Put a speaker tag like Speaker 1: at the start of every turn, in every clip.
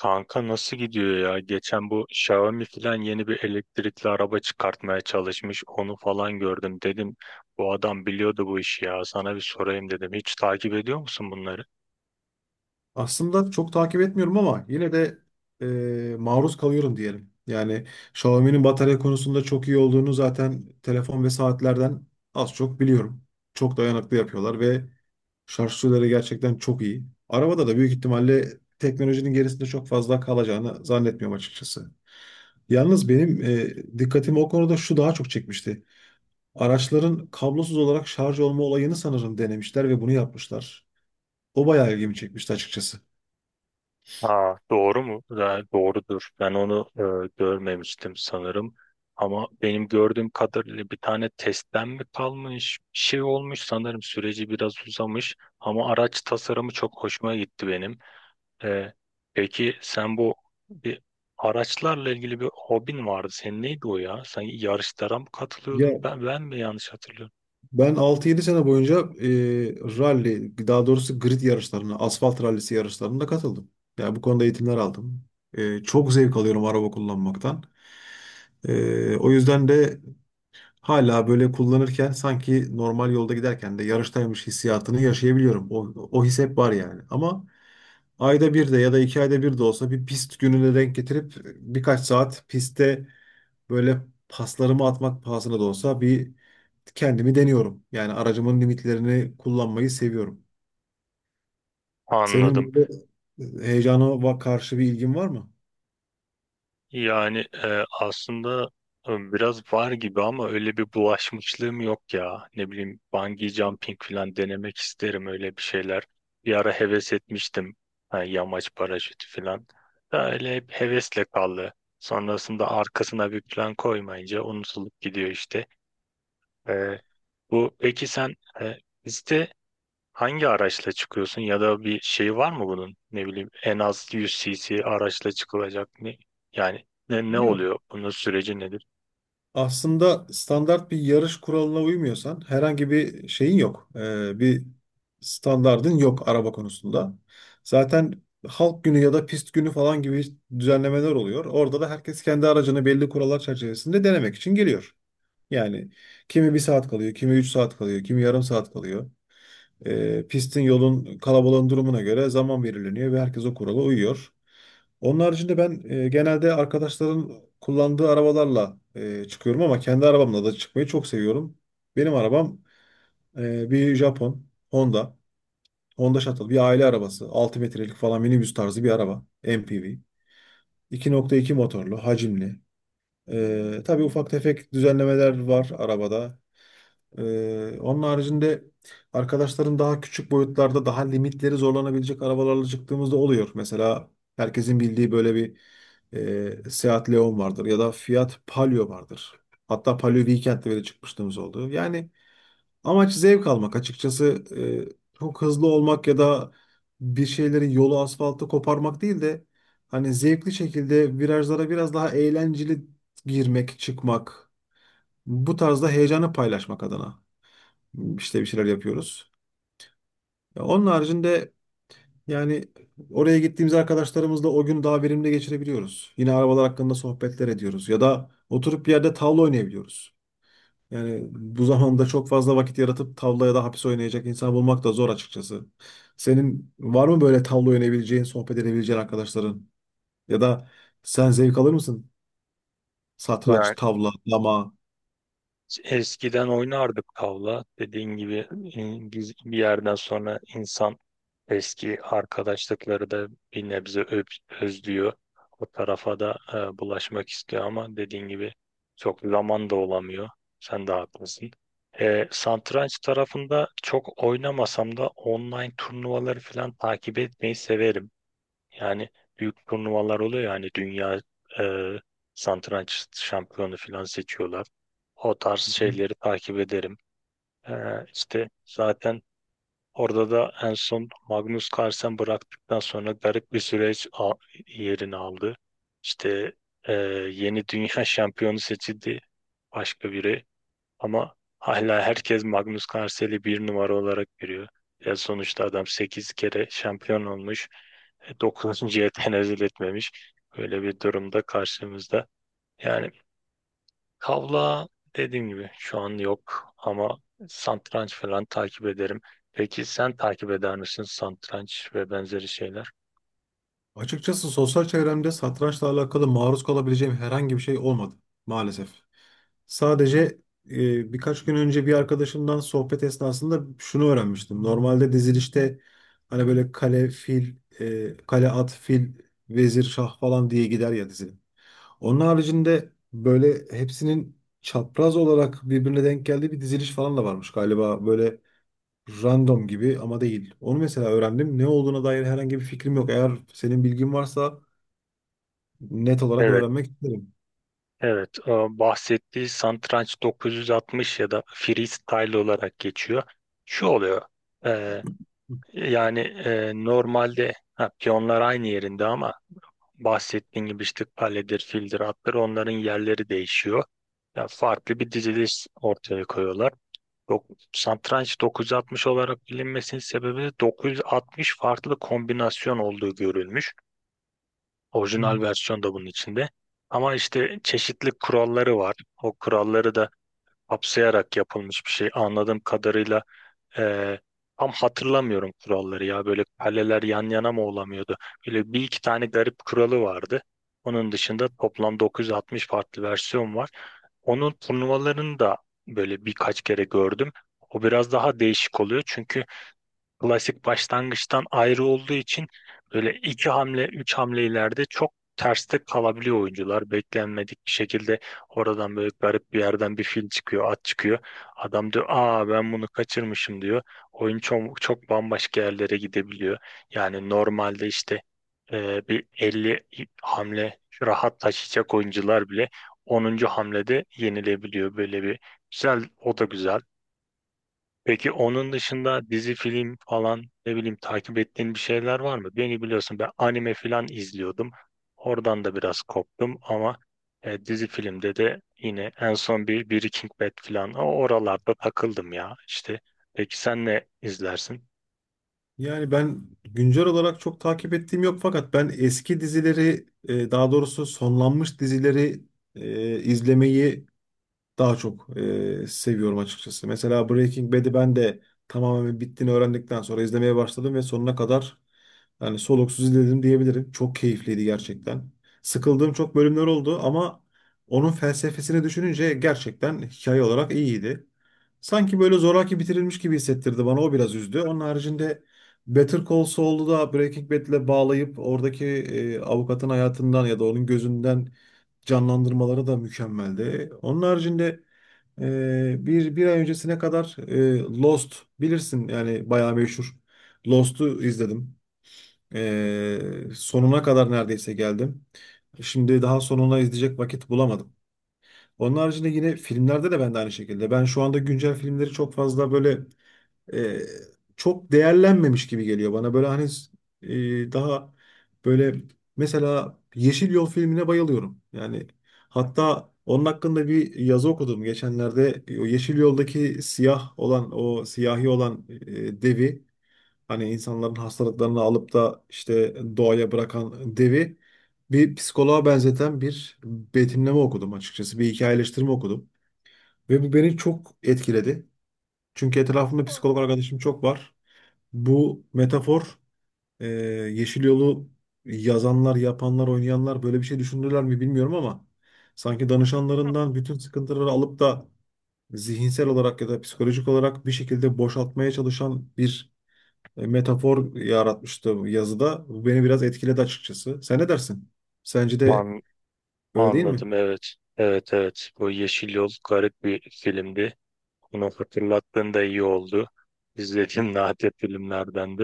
Speaker 1: Kanka nasıl gidiyor ya? Geçen bu Xiaomi filan yeni bir elektrikli araba çıkartmaya çalışmış. Onu falan gördüm. Dedim bu adam biliyordu bu işi ya. Sana bir sorayım dedim. Hiç takip ediyor musun bunları?
Speaker 2: Aslında çok takip etmiyorum ama yine de maruz kalıyorum diyelim. Yani Xiaomi'nin batarya konusunda çok iyi olduğunu zaten telefon ve saatlerden az çok biliyorum. Çok dayanıklı yapıyorlar ve şarj süreleri gerçekten çok iyi. Arabada da büyük ihtimalle teknolojinin gerisinde çok fazla kalacağını zannetmiyorum açıkçası. Yalnız benim dikkatimi o konuda şu daha çok çekmişti. Araçların kablosuz olarak şarj olma olayını sanırım denemişler ve bunu yapmışlar. O bayağı ilgimi çekmişti açıkçası.
Speaker 1: Aa, doğru mu? Ya, doğrudur. Ben onu görmemiştim sanırım. Ama benim gördüğüm kadarıyla bir tane testten mi kalmış? Bir şey olmuş sanırım. Süreci biraz uzamış. Ama araç tasarımı çok hoşuma gitti benim. Ee, peki sen bu bir araçlarla ilgili bir hobin vardı. Senin neydi o ya? Sen yarışlara mı katılıyordun?
Speaker 2: Ya.
Speaker 1: Ben mi yanlış hatırlıyorum?
Speaker 2: Ben 6-7 sene boyunca rally, daha doğrusu grid yarışlarına, asfalt rallisi yarışlarına katıldım. Yani bu konuda eğitimler aldım. Çok zevk alıyorum araba kullanmaktan. O yüzden de hala böyle kullanırken sanki normal yolda giderken de yarıştaymış hissiyatını yaşayabiliyorum. O his hep var yani. Ama ayda bir de ya da 2 ayda bir de olsa bir pist gününe denk getirip birkaç saat pistte böyle paslarımı atmak pahasına da olsa bir kendimi deniyorum. Yani aracımın limitlerini kullanmayı seviyorum.
Speaker 1: Anladım.
Speaker 2: Senin böyle heyecana karşı bir ilgin var mı?
Speaker 1: Yani aslında, biraz var gibi ama öyle bir bulaşmışlığım yok ya. Ne bileyim bungee jumping falan denemek isterim, öyle bir şeyler. Bir ara heves etmiştim. Ha, yamaç paraşütü falan. Da öyle hep hevesle kaldı. Sonrasında arkasına bir plan koymayınca unutulup gidiyor işte. Ee, bu peki sen e, bizde hangi araçla çıkıyorsun ya da bir şey var mı bunun? Ne bileyim, en az 100 cc araçla çıkılacak ne? Yani ne
Speaker 2: Yok.
Speaker 1: oluyor? Bunun süreci nedir?
Speaker 2: Aslında standart bir yarış kuralına uymuyorsan herhangi bir şeyin yok. Bir standardın yok araba konusunda. Zaten halk günü ya da pist günü falan gibi düzenlemeler oluyor. Orada da herkes kendi aracını belli kurallar çerçevesinde denemek için geliyor. Yani kimi bir saat kalıyor, kimi 3 saat kalıyor, kimi yarım saat kalıyor. Pistin yolun kalabalığın durumuna göre zaman belirleniyor ve herkes o kurala uyuyor. Onun haricinde ben genelde arkadaşların kullandığı arabalarla çıkıyorum ama kendi arabamla da çıkmayı çok seviyorum. Benim arabam bir Japon Honda. Honda Shuttle bir aile arabası. 6 metrelik falan minibüs tarzı bir araba. MPV. 2,2 motorlu, hacimli. Tabii ufak tefek düzenlemeler var arabada. Onun haricinde arkadaşların daha küçük boyutlarda daha limitleri zorlanabilecek arabalarla çıktığımızda oluyor. Mesela herkesin bildiği böyle bir Seat Leon vardır ya da Fiat Palio vardır. Hatta Palio Weekend'de bile çıkmışlığımız oldu. Yani amaç zevk almak açıkçası çok hızlı olmak ya da bir şeylerin yolu asfaltı koparmak değil de hani zevkli şekilde virajlara biraz daha eğlenceli girmek, çıkmak bu tarzda heyecanı paylaşmak adına. İşte bir şeyler yapıyoruz. Ya onun haricinde yani oraya gittiğimiz arkadaşlarımızla o gün daha verimli geçirebiliyoruz. Yine arabalar hakkında sohbetler ediyoruz ya da oturup bir yerde tavla oynayabiliyoruz. Yani bu zamanda çok fazla vakit yaratıp tavla ya da hapis oynayacak insan bulmak da zor açıkçası. Senin var mı böyle tavla oynayabileceğin, sohbet edebileceğin arkadaşların? Ya da sen zevk alır mısın? Satranç,
Speaker 1: Yani
Speaker 2: tavla, dama.
Speaker 1: eskiden oynardık tavla. Dediğin gibi biz bir yerden sonra insan eski arkadaşlıkları da bir nebze özlüyor. O tarafa da bulaşmak istiyor ama dediğin gibi çok zaman da olamıyor. Sen de haklısın. Satranç tarafında çok oynamasam da online turnuvaları falan takip etmeyi severim. Yani büyük turnuvalar oluyor, yani dünya e, satranç şampiyonu falan seçiyorlar. O tarz
Speaker 2: Hı hı.
Speaker 1: şeyleri takip ederim. E, işte zaten orada da en son Magnus Carlsen bıraktıktan sonra garip bir yerini aldı. İşte e, yeni dünya şampiyonu seçildi başka biri, ama hala herkes Magnus Carlsen'i bir numara olarak görüyor. Ya sonuçta adam 8 kere şampiyon olmuş. 9. tenezzül etmemiş. Böyle bir durumda karşımızda. Yani kavla, dediğim gibi şu an yok, ama satranç falan takip ederim. Peki sen takip eder misin, satranç ve benzeri şeyler?
Speaker 2: Açıkçası sosyal çevremde satrançla alakalı maruz kalabileceğim herhangi bir şey olmadı maalesef. Sadece birkaç gün önce bir arkadaşımdan sohbet esnasında şunu öğrenmiştim. Normalde dizilişte hani böyle kale, fil, kale, at, fil, vezir, şah falan diye gider ya dizi. Onun haricinde böyle hepsinin çapraz olarak birbirine denk geldiği bir diziliş falan da varmış galiba. Böyle random gibi ama değil. Onu mesela öğrendim. Ne olduğuna dair herhangi bir fikrim yok. Eğer senin bilgin varsa net olarak
Speaker 1: Evet,
Speaker 2: öğrenmek isterim.
Speaker 1: evet. Bahsettiği satranç 960 ya da freestyle olarak geçiyor. Şu oluyor. Yani normalde, ha, piyonlar aynı yerinde ama bahsettiğim gibi işte kaledir, fildir, atlar, onların yerleri değişiyor. Ya farklı bir diziliş ortaya koyuyorlar. Dok satranç 960 olarak bilinmesinin sebebi de 960 farklı kombinasyon olduğu görülmüş. Orijinal versiyon da bunun içinde. Ama işte çeşitli kuralları var. O kuralları da kapsayarak yapılmış bir şey. Anladığım kadarıyla ee, tam hatırlamıyorum kuralları ya. Böyle kaleler yan yana mı olamıyordu? Böyle bir iki tane garip kuralı vardı. Onun dışında toplam 960 farklı versiyon var. Onun turnuvalarını da böyle birkaç kere gördüm. O biraz daha değişik oluyor çünkü klasik başlangıçtan ayrı olduğu için böyle iki hamle, üç hamle ileride çok terste kalabiliyor oyuncular. Beklenmedik bir şekilde oradan böyle garip bir yerden bir fil çıkıyor, at çıkıyor. Adam diyor, aa ben bunu kaçırmışım diyor. Oyun çok bambaşka yerlere gidebiliyor. Yani normalde işte e, bir 50 hamle rahat taşıyacak oyuncular bile 10. hamlede yenilebiliyor. Böyle bir güzel, o da güzel. Peki onun dışında dizi, film falan, ne bileyim, takip ettiğin bir şeyler var mı? Beni biliyorsun, ben anime falan izliyordum. Oradan da biraz koptum ama dizi filmde de yine en son bir Breaking Bad falan, o oralarda takıldım ya işte. Peki sen ne izlersin?
Speaker 2: Yani ben güncel olarak çok takip ettiğim yok fakat ben eski dizileri daha doğrusu sonlanmış dizileri izlemeyi daha çok seviyorum açıkçası. Mesela Breaking Bad'i ben de tamamen bittiğini öğrendikten sonra izlemeye başladım ve sonuna kadar yani soluksuz izledim diyebilirim. Çok keyifliydi gerçekten. Sıkıldığım çok bölümler oldu ama onun felsefesini düşününce gerçekten hikaye olarak iyiydi. Sanki böyle zoraki bitirilmiş gibi hissettirdi bana. O biraz üzdü. Onun haricinde Better Call Saul'u da Breaking Bad'le bağlayıp oradaki avukatın hayatından ya da onun gözünden canlandırmaları da mükemmeldi. Onun haricinde bir ay öncesine kadar Lost bilirsin yani bayağı meşhur. Lost'u izledim. Sonuna kadar neredeyse geldim. Şimdi daha sonuna izleyecek vakit bulamadım. Onun haricinde yine filmlerde de ben de aynı şekilde. Ben şu anda güncel filmleri çok fazla böyle e, çok değerlenmemiş gibi geliyor bana. Böyle hani daha böyle mesela Yeşil Yol filmine bayılıyorum. Yani hatta onun hakkında bir yazı okudum geçenlerde. O Yeşil Yol'daki siyah olan o siyahi olan devi hani insanların hastalıklarını alıp da işte doğaya bırakan devi bir psikoloğa benzeten bir betimleme okudum açıkçası. Bir hikayeleştirme okudum. Ve bu beni çok etkiledi. Çünkü etrafımda psikolog arkadaşım çok var. Bu metafor e, Yeşil Yol'u yazanlar, yapanlar, oynayanlar böyle bir şey düşündüler mi bilmiyorum ama sanki danışanlarından bütün sıkıntıları alıp da zihinsel olarak ya da psikolojik olarak bir şekilde boşaltmaya çalışan bir metafor yaratmıştı bu yazıda. Bu beni biraz etkiledi açıkçası. Sen ne dersin? Sence de
Speaker 1: An
Speaker 2: öyle değil mi?
Speaker 1: anladım, evet. Evet, evet, bu Yeşil Yol garip bir filmdi. Bunu hatırlattığında iyi oldu. İzlediğim nadir filmlerden.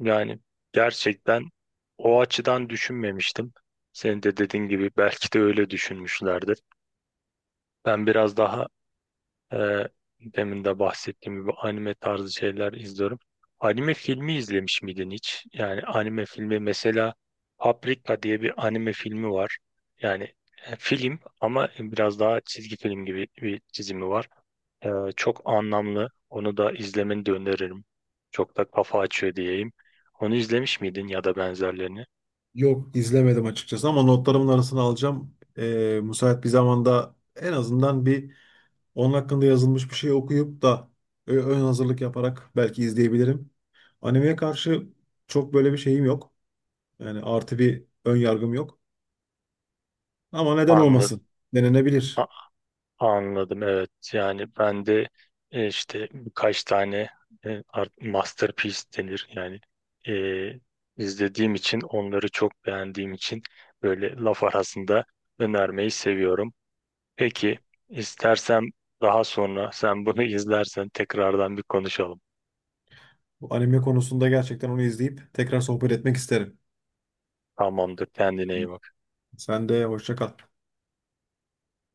Speaker 1: Yani gerçekten o açıdan düşünmemiştim. Senin de dediğin gibi belki de öyle düşünmüşlerdir. Ben biraz daha ee, demin de bahsettiğim gibi anime tarzı şeyler izliyorum. Anime filmi izlemiş miydin hiç? Yani anime filmi, mesela Paprika diye bir anime filmi var. Yani film ama biraz daha çizgi film gibi bir çizimi var. Ee, çok anlamlı. Onu da izlemeni de öneririm. Çok da kafa açıyor diyeyim. Onu izlemiş miydin ya da benzerlerini?
Speaker 2: Yok, izlemedim açıkçası ama notlarımın arasına alacağım. Müsait bir zamanda en azından bir onun hakkında yazılmış bir şey okuyup da ön hazırlık yaparak belki izleyebilirim. Animeye karşı çok böyle bir şeyim yok. Yani artı bir ön yargım yok. Ama neden
Speaker 1: Anladım.
Speaker 2: olmasın? Denenebilir.
Speaker 1: Anladım, evet, yani ben de işte birkaç tane, masterpiece denir yani, e, izlediğim için, onları çok beğendiğim için, böyle laf arasında önermeyi seviyorum. Peki istersem daha sonra sen bunu izlersen tekrardan bir konuşalım.
Speaker 2: Bu anime konusunda gerçekten onu izleyip tekrar sohbet etmek isterim.
Speaker 1: Tamamdır, kendine iyi bak.
Speaker 2: Sen de hoşça kal.